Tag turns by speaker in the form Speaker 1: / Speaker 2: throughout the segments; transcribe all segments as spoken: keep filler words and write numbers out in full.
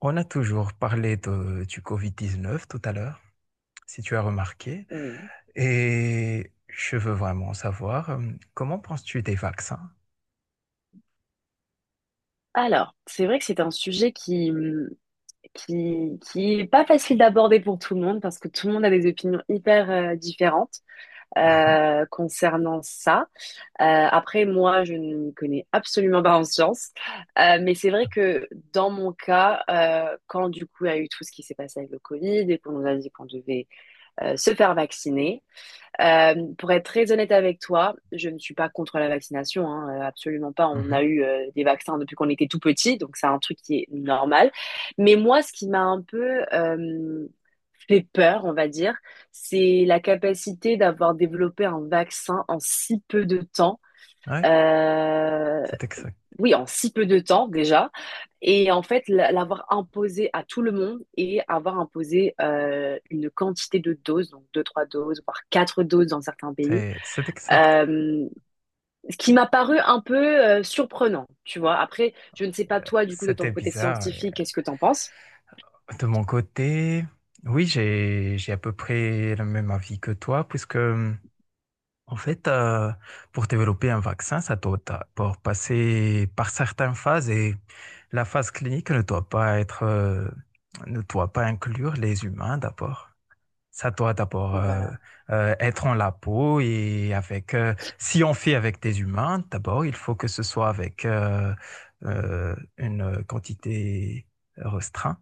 Speaker 1: On a toujours parlé de, du Covid dix-neuf tout à l'heure, si tu as remarqué,
Speaker 2: Oui.
Speaker 1: et je veux vraiment savoir, euh, comment penses-tu des vaccins?
Speaker 2: Alors, c'est vrai que c'est un sujet qui, hum, qui, qui est pas facile d'aborder pour tout le monde parce que tout le monde a des opinions hyper euh, différentes euh, concernant ça. Euh, après, moi, je ne m'y connais absolument pas en sciences. Euh, mais c'est vrai que dans mon cas, euh, quand du coup il y a eu tout ce qui s'est passé avec le Covid et qu'on nous a dit qu'on devait euh, se faire vacciner. Euh, pour être très honnête avec toi, je ne suis pas contre la vaccination, hein, euh, absolument pas. On a eu euh, des vaccins depuis qu'on était tout petit, donc c'est un truc qui est normal. Mais moi, ce qui m'a un peu euh, fait peur, on va dire, c'est la capacité d'avoir développé un vaccin en si peu de temps,
Speaker 1: Oui,
Speaker 2: euh,
Speaker 1: c'est exact.
Speaker 2: oui, en si peu de temps déjà. Et en fait, la- l'avoir imposé à tout le monde et avoir imposé euh, une quantité de doses, donc deux, trois doses, voire quatre doses dans certains pays.
Speaker 1: C'est c'est exact.
Speaker 2: euh, Ce qui m'a paru un peu euh, surprenant, tu vois. Après, je ne sais pas toi, du coup, de ton
Speaker 1: C'était
Speaker 2: côté
Speaker 1: bizarre, et,
Speaker 2: scientifique, qu'est-ce que t'en penses?
Speaker 1: euh, de mon côté, oui, j'ai j'ai à peu près le même avis que toi, puisque, euh, en fait, euh, pour développer un vaccin, ça doit ta- pour passer par certaines phases, et la phase clinique ne doit pas être, euh, ne doit pas inclure les humains d'abord. Ça doit d'abord, euh,
Speaker 2: Voilà.
Speaker 1: euh, être en la peau, et avec, euh, si on fait avec des humains d'abord, il faut que ce soit avec, euh, euh, une quantité restreinte.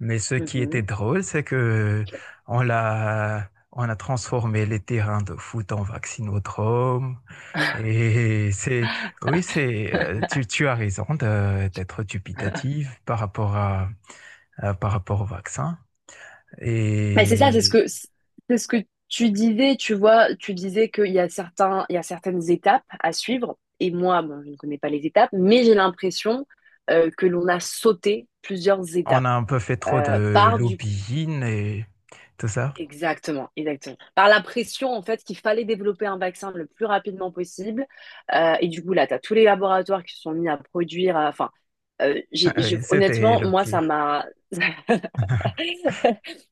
Speaker 1: Mais ce qui était
Speaker 2: Mhm.
Speaker 1: drôle, c'est que on l'a, on a transformé les terrains de foot en vaccinodrome. Et c'est, oui, c'est, euh, tu, tu as raison de- d'être dubitative par rapport à, à- par rapport au vaccin.
Speaker 2: Mais c'est ça, c'est ce
Speaker 1: Et
Speaker 2: que c'est ce que tu disais, tu vois, tu disais qu'il y a certains, il y a certaines étapes à suivre. Et moi, bon, je ne connais pas les étapes, mais j'ai l'impression euh, que l'on a sauté plusieurs
Speaker 1: on
Speaker 2: étapes.
Speaker 1: a un peu fait trop
Speaker 2: Euh,
Speaker 1: de
Speaker 2: par du
Speaker 1: lobbying et tout ça.
Speaker 2: Exactement, exactement. Par la pression, en fait, qu'il fallait développer un vaccin le plus rapidement possible. Euh, et du coup, là, tu as tous les laboratoires qui se sont mis à produire. À- Enfin, euh, j'ai- j'ai-
Speaker 1: Oui, c'était
Speaker 2: honnêtement,
Speaker 1: le
Speaker 2: moi, ça
Speaker 1: pire.
Speaker 2: m'a.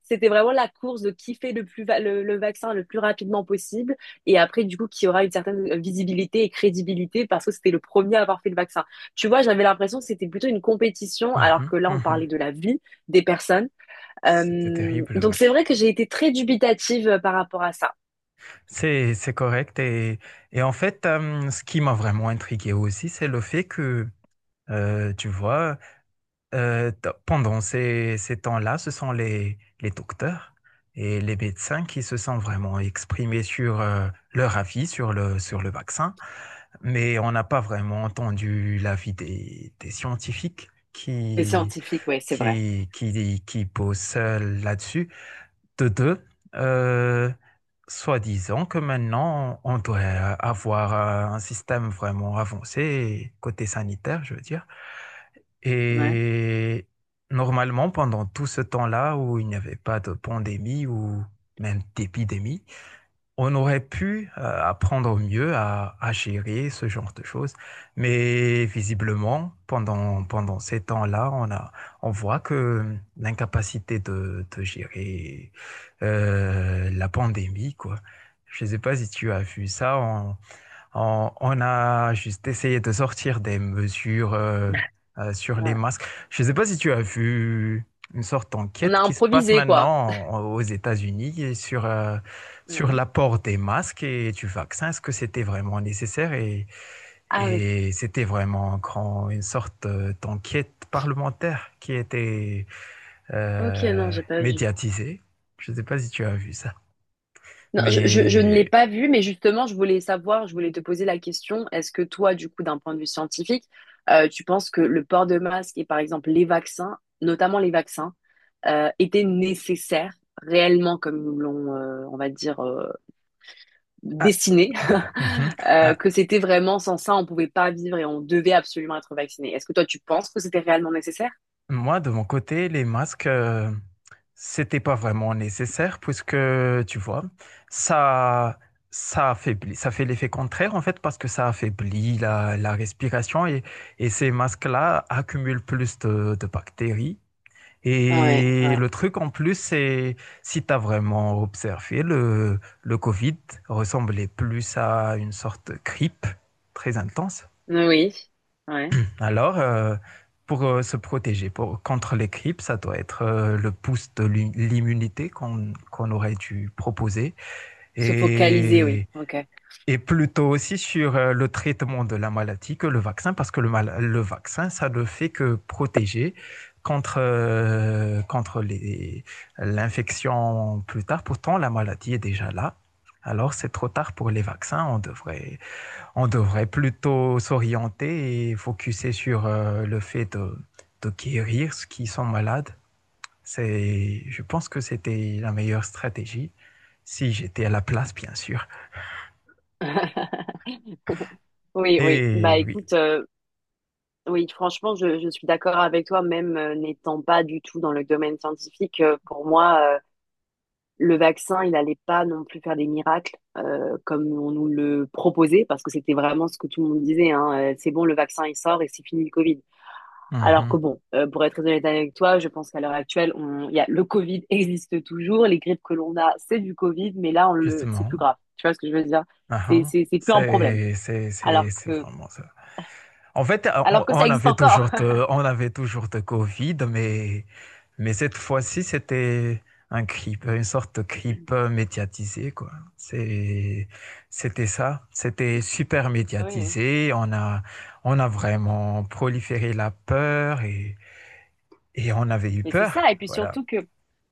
Speaker 2: C'était vraiment la course de qui fait le plus va- le, le vaccin le plus rapidement possible. Et après, du coup, qui aura une certaine visibilité et crédibilité parce que c'était le premier à avoir fait le vaccin. Tu vois, j'avais l'impression que c'était plutôt une compétition, alors
Speaker 1: Mhm,
Speaker 2: que là, on
Speaker 1: mhm.
Speaker 2: parlait de la vie des personnes.
Speaker 1: C'était
Speaker 2: Euh,
Speaker 1: terrible,
Speaker 2: donc
Speaker 1: oui.
Speaker 2: c'est vrai que j'ai été très dubitative euh, par rapport à ça.
Speaker 1: C'est, c'est correct. Et, et en fait, euh, ce qui m'a vraiment intrigué aussi, c'est le fait que, euh, tu vois, euh, t- pendant ces, ces temps-là, ce sont les, les docteurs et les médecins qui se sont vraiment exprimés sur, euh, leur avis sur le, sur le vaccin. Mais on n'a pas vraiment entendu l'avis des, des scientifiques
Speaker 2: Les
Speaker 1: qui,
Speaker 2: scientifiques, oui, c'est vrai.
Speaker 1: qui, qui, qui posent, euh, là-dessus de deux, euh, soi-disant que maintenant, on doit avoir un système vraiment avancé, côté sanitaire, je veux dire.
Speaker 2: Ouais,
Speaker 1: Et normalement, pendant tout ce temps-là où il n'y avait pas de pandémie ou même d'épidémie, on aurait pu, euh, apprendre mieux à, à gérer ce genre de choses, mais visiblement, pendant, pendant ces temps-là, on a, on voit que l'incapacité de, de gérer, euh, la pandémie, quoi. Je ne sais pas si tu as vu ça, on, on a juste essayé de sortir des mesures, euh, euh, sur les
Speaker 2: ouais.
Speaker 1: masques. Je ne sais pas si tu as vu une sorte
Speaker 2: On a
Speaker 1: d'enquête qui se passe
Speaker 2: improvisé, quoi.
Speaker 1: maintenant en- aux États-Unis et sur, euh, sur
Speaker 2: Oui.
Speaker 1: l'apport des masques et du vaccin. Est-ce que c'était vraiment nécessaire? Et,
Speaker 2: Ah oui.
Speaker 1: et c'était vraiment grand, une sorte, euh, d'enquête parlementaire qui était,
Speaker 2: Ok, non,
Speaker 1: euh,
Speaker 2: j'ai pas vu.
Speaker 1: médiatisée. Je ne sais pas si tu as vu ça.
Speaker 2: Non, je, je- je ne l'ai
Speaker 1: Mais.
Speaker 2: pas vu, mais justement, je voulais savoir, je voulais te poser la question, est-ce que toi, du coup, d'un point de vue scientifique, euh, tu penses que le port de masque et par exemple les vaccins, notamment les vaccins, euh, étaient nécessaires réellement comme ils nous l'ont, euh, on va dire, euh,
Speaker 1: Ah,
Speaker 2: dessiné,
Speaker 1: mhm.
Speaker 2: euh,
Speaker 1: Ah,
Speaker 2: que c'était vraiment sans ça, on pouvait pas vivre et on devait absolument être vacciné. Est-ce que toi, tu penses que c'était réellement nécessaire?
Speaker 1: moi, de mon côté, les masques, euh, c'était pas vraiment nécessaire, puisque, tu vois, ça, ça affaiblit, ça fait l'effet contraire en fait, parce que ça affaiblit la, la respiration, et, et ces masques-là accumulent plus de, de bactéries.
Speaker 2: Ouais,
Speaker 1: Et
Speaker 2: ouais.
Speaker 1: le truc en plus, c'est, si tu as vraiment observé, le, le Covid ressemblait plus à une sorte de grippe très intense.
Speaker 2: Oui, ouais.
Speaker 1: Alors, euh, pour, euh, se protéger pour- contre les grippes, ça doit être, euh, le pouce de l'im- l'immunité qu'on qu'on aurait dû proposer,
Speaker 2: Se focaliser, oui.
Speaker 1: et,
Speaker 2: Ok.
Speaker 1: et plutôt aussi sur, euh, le traitement de la maladie que le vaccin, parce que le, mal- le vaccin, ça ne fait que protéger contre, euh, contre les- l'infection plus tard. Pourtant, la maladie est déjà là. Alors, c'est trop tard pour les vaccins. On devrait on devrait plutôt s'orienter et focuser sur, euh, le fait de, de guérir ceux qui sont malades. C'est, je pense que c'était la meilleure stratégie, si j'étais à la place, bien sûr.
Speaker 2: Oui, oui. Bah
Speaker 1: Et oui,
Speaker 2: écoute, euh, oui, franchement, je, je suis d'accord avec toi, même euh, n'étant pas du tout dans le domaine scientifique. Euh, pour moi, euh, le vaccin, il n'allait pas non plus faire des miracles euh, comme on nous le proposait, parce que c'était vraiment ce que tout le monde disait, hein, euh, c'est bon, le vaccin, il sort et c'est fini le Covid. Alors
Speaker 1: mhm,
Speaker 2: que bon, euh, pour être très honnête avec toi, je pense qu'à l'heure actuelle, on, il y a, le Covid existe toujours, les grippes que l'on a, c'est du Covid, mais là, on le, c'est plus
Speaker 1: justement,
Speaker 2: grave. Tu vois ce que je veux dire? C'est,
Speaker 1: aha,
Speaker 2: c'est, c'est plus un problème.
Speaker 1: c'est, c'est,
Speaker 2: Alors
Speaker 1: c'est, c'est
Speaker 2: que,
Speaker 1: vraiment ça. En fait, euh,
Speaker 2: alors
Speaker 1: on,
Speaker 2: que ça
Speaker 1: on
Speaker 2: existe
Speaker 1: avait
Speaker 2: encore.
Speaker 1: toujours de, on avait toujours de Covid, mais, mais cette fois-ci, c'était un grippe, une sorte de grippe médiatisée, quoi. C'est, c'était ça. C'était super
Speaker 2: Oui, oui.
Speaker 1: médiatisé. On a, on a vraiment proliféré la peur, et, et on avait eu
Speaker 2: Mais c'est
Speaker 1: peur.
Speaker 2: ça, et puis
Speaker 1: Voilà,
Speaker 2: surtout que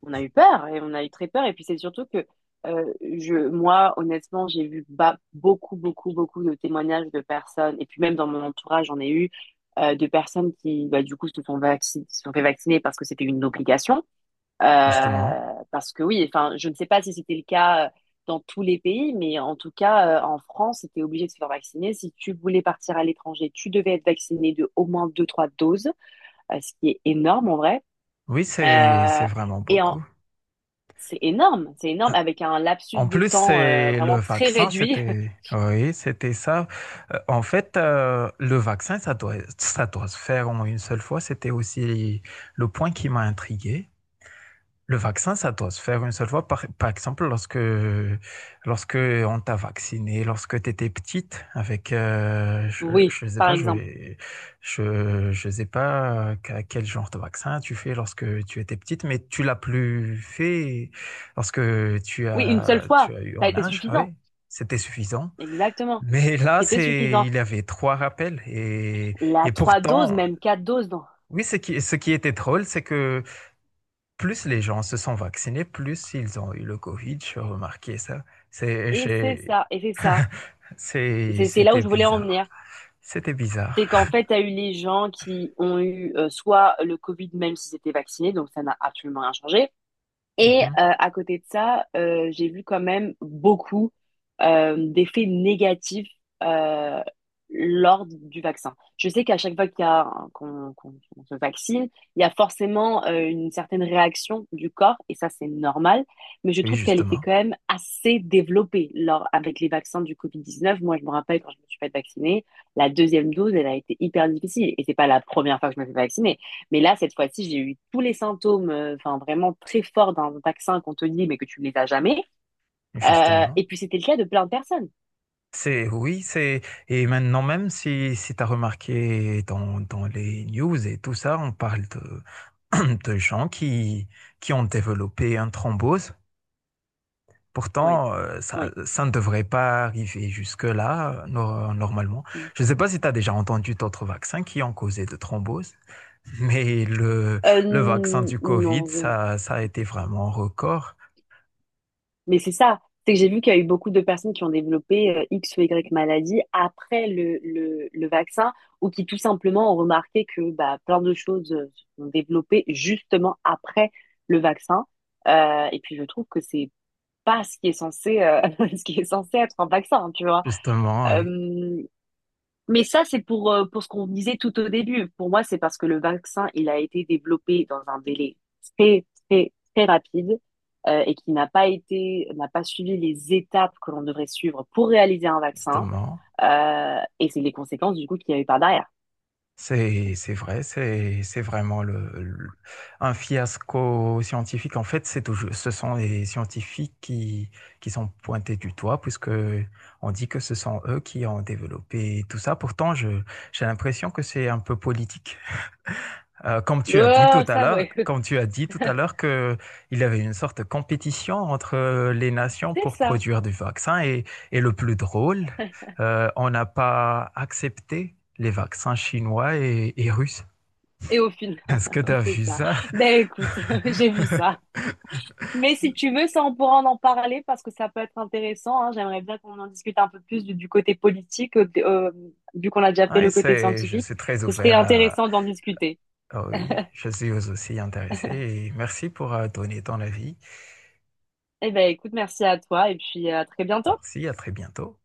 Speaker 2: on a eu peur, et on a eu très peur, et puis c'est surtout que euh, je, moi, honnêtement, j'ai vu ba- beaucoup, beaucoup, beaucoup de témoignages de personnes, et puis même dans mon entourage, j'en ai eu euh, de personnes qui, bah, du coup, se sont vacci- se sont fait vacciner parce que c'était une obligation. Euh,
Speaker 1: justement.
Speaker 2: Parce que oui, enfin, je ne sais pas si c'était le cas euh, dans tous les pays, mais en tout cas, euh, en France, c'était obligé de se faire vacciner. Si tu voulais partir à l'étranger, tu devais être vacciné de au moins deux, trois doses, euh, ce qui est énorme en vrai.
Speaker 1: Oui, c'est,
Speaker 2: Euh,
Speaker 1: c'est vraiment
Speaker 2: et en-
Speaker 1: beaucoup.
Speaker 2: c'est énorme, c'est énorme, avec un lapsus
Speaker 1: En
Speaker 2: de
Speaker 1: plus,
Speaker 2: temps euh,
Speaker 1: c'est le
Speaker 2: vraiment très
Speaker 1: vaccin,
Speaker 2: réduit.
Speaker 1: c'était oui, c'était ça. Euh, en fait, euh, le vaccin, ça doit, ça doit se faire en une seule fois. C'était aussi le point qui m'a intrigué. Le vaccin, ça doit se faire une seule fois. Par, par exemple, lorsque, lorsque on t'a vacciné, lorsque tu étais petite, avec, euh,
Speaker 2: Oui,
Speaker 1: je ne sais
Speaker 2: par
Speaker 1: pas, je,
Speaker 2: exemple.
Speaker 1: je, je sais pas qu'à quel genre de vaccin tu fais lorsque tu étais petite, mais tu l'as plus fait lorsque tu
Speaker 2: Oui, une
Speaker 1: as,
Speaker 2: seule fois,
Speaker 1: tu as eu
Speaker 2: ça a
Speaker 1: en
Speaker 2: été
Speaker 1: âge,
Speaker 2: suffisant.
Speaker 1: oui, c'était suffisant.
Speaker 2: Exactement,
Speaker 1: Mais là,
Speaker 2: c'était
Speaker 1: c'est,
Speaker 2: suffisant.
Speaker 1: il y avait trois rappels, et,
Speaker 2: La
Speaker 1: et
Speaker 2: trois doses,
Speaker 1: pourtant,
Speaker 2: même quatre doses. Non.
Speaker 1: oui, ce qui, ce qui était drôle, c'est que plus les gens se sont vaccinés, plus ils ont eu le Covid. J'ai remarqué ça. C'est,
Speaker 2: Et c'est
Speaker 1: j'ai-
Speaker 2: ça, et c'est ça. Et
Speaker 1: c'est-
Speaker 2: C'est c'est là où
Speaker 1: C'était
Speaker 2: je voulais en
Speaker 1: bizarre.
Speaker 2: venir.
Speaker 1: C'était bizarre.
Speaker 2: C'est qu'en fait, tu as eu les gens qui ont eu euh, soit le Covid, même s'ils étaient vaccinés, donc ça n'a absolument rien changé. Et euh,
Speaker 1: Mhm.
Speaker 2: à côté de ça, euh, j'ai vu quand même beaucoup euh, d'effets négatifs euh, lors du vaccin. Je sais qu'à chaque fois qu'il y a un- qu'on qu'on- qu'on se vaccine, il y a forcément euh, une certaine réaction du corps, et ça c'est normal, mais je
Speaker 1: Oui,
Speaker 2: trouve qu'elle était
Speaker 1: justement.
Speaker 2: quand même assez développée lors, avec les vaccins du covid dix-neuf. Moi, je me rappelle quand je me suis fait vacciner, la deuxième dose, elle a été hyper difficile, et c'est pas la première fois que je me fais vacciner. Mais là, cette fois-ci, j'ai eu tous les symptômes, enfin euh, enfin, vraiment très forts d'un vaccin qu'on te dit, mais que tu ne les as jamais. Euh,
Speaker 1: Justement.
Speaker 2: et puis c'était le cas de plein de personnes.
Speaker 1: C'est, oui, c'est, et maintenant, même si, si tu as remarqué dans, dans les news et tout ça, on parle de, de gens qui, qui ont développé un thrombose.
Speaker 2: Oui,
Speaker 1: Pourtant, euh, ça,
Speaker 2: oui.
Speaker 1: ça ne devrait pas arriver jusque-là, euh, no- normalement. Je ne sais pas si tu as déjà entendu d'autres vaccins qui ont causé de thromboses, mais le,
Speaker 2: Euh,
Speaker 1: le vaccin
Speaker 2: n-
Speaker 1: du Covid,
Speaker 2: non, je-
Speaker 1: ça, ça a été vraiment un record,
Speaker 2: mais c'est ça. C'est que j'ai vu qu'il y a eu beaucoup de personnes qui ont développé euh, X ou Y maladie après le, le, le vaccin ou qui tout simplement ont remarqué que bah, plein de choses euh, se sont développées justement après le vaccin. Euh, et puis je trouve que c'est pas ce qui est censé, euh, ce qui est censé être un vaccin, tu vois.
Speaker 1: justement, oui,
Speaker 2: Euh, mais ça, c'est pour, euh, pour ce qu'on disait tout au début. Pour moi, c'est parce que le vaccin, il a été développé dans un délai très, très, très rapide, euh, et qui n'a pas été, n'a pas suivi les étapes que l'on devrait suivre pour réaliser un vaccin.
Speaker 1: justement.
Speaker 2: Euh, et c'est les conséquences du coup qu'il y a eu par derrière.
Speaker 1: C'est, c'est vrai, c'est, c'est vraiment le, le- un fiasco scientifique. En fait, c'est toujours, ce sont les scientifiques qui, qui sont pointés du doigt, puisque on dit que ce sont eux qui ont développé tout ça. Pourtant, je, j'ai l'impression que c'est un peu politique. Euh, comme tu as dit
Speaker 2: Oh,
Speaker 1: tout à
Speaker 2: ça,
Speaker 1: l'heure,
Speaker 2: oui.
Speaker 1: comme tu as dit tout à l'heure que il y avait une sorte de compétition entre, euh, les nations
Speaker 2: C'est
Speaker 1: pour
Speaker 2: ça.
Speaker 1: produire du vaccin, et, et le plus drôle, euh, on n'a pas accepté les vaccins chinois, et, et russes.
Speaker 2: Et au final,
Speaker 1: Est-ce que tu as
Speaker 2: oui, c'est
Speaker 1: vu
Speaker 2: ça.
Speaker 1: ça?
Speaker 2: Ben écoute, j'ai vu ça. Mais si tu veux, ça, on pourra en en parler parce que ça peut être intéressant, hein. J'aimerais bien qu'on en discute un peu plus du, du côté politique, euh, de- euh, vu qu'on a déjà fait
Speaker 1: Ouais,
Speaker 2: le côté
Speaker 1: c'est, je
Speaker 2: scientifique.
Speaker 1: suis très
Speaker 2: Ce serait
Speaker 1: ouvert à,
Speaker 2: intéressant d'en discuter.
Speaker 1: ah oui, je suis aussi intéressé, et merci pour euh, donner ton avis.
Speaker 2: Eh ben, écoute, merci à toi et puis à très bientôt.
Speaker 1: Merci, à très bientôt.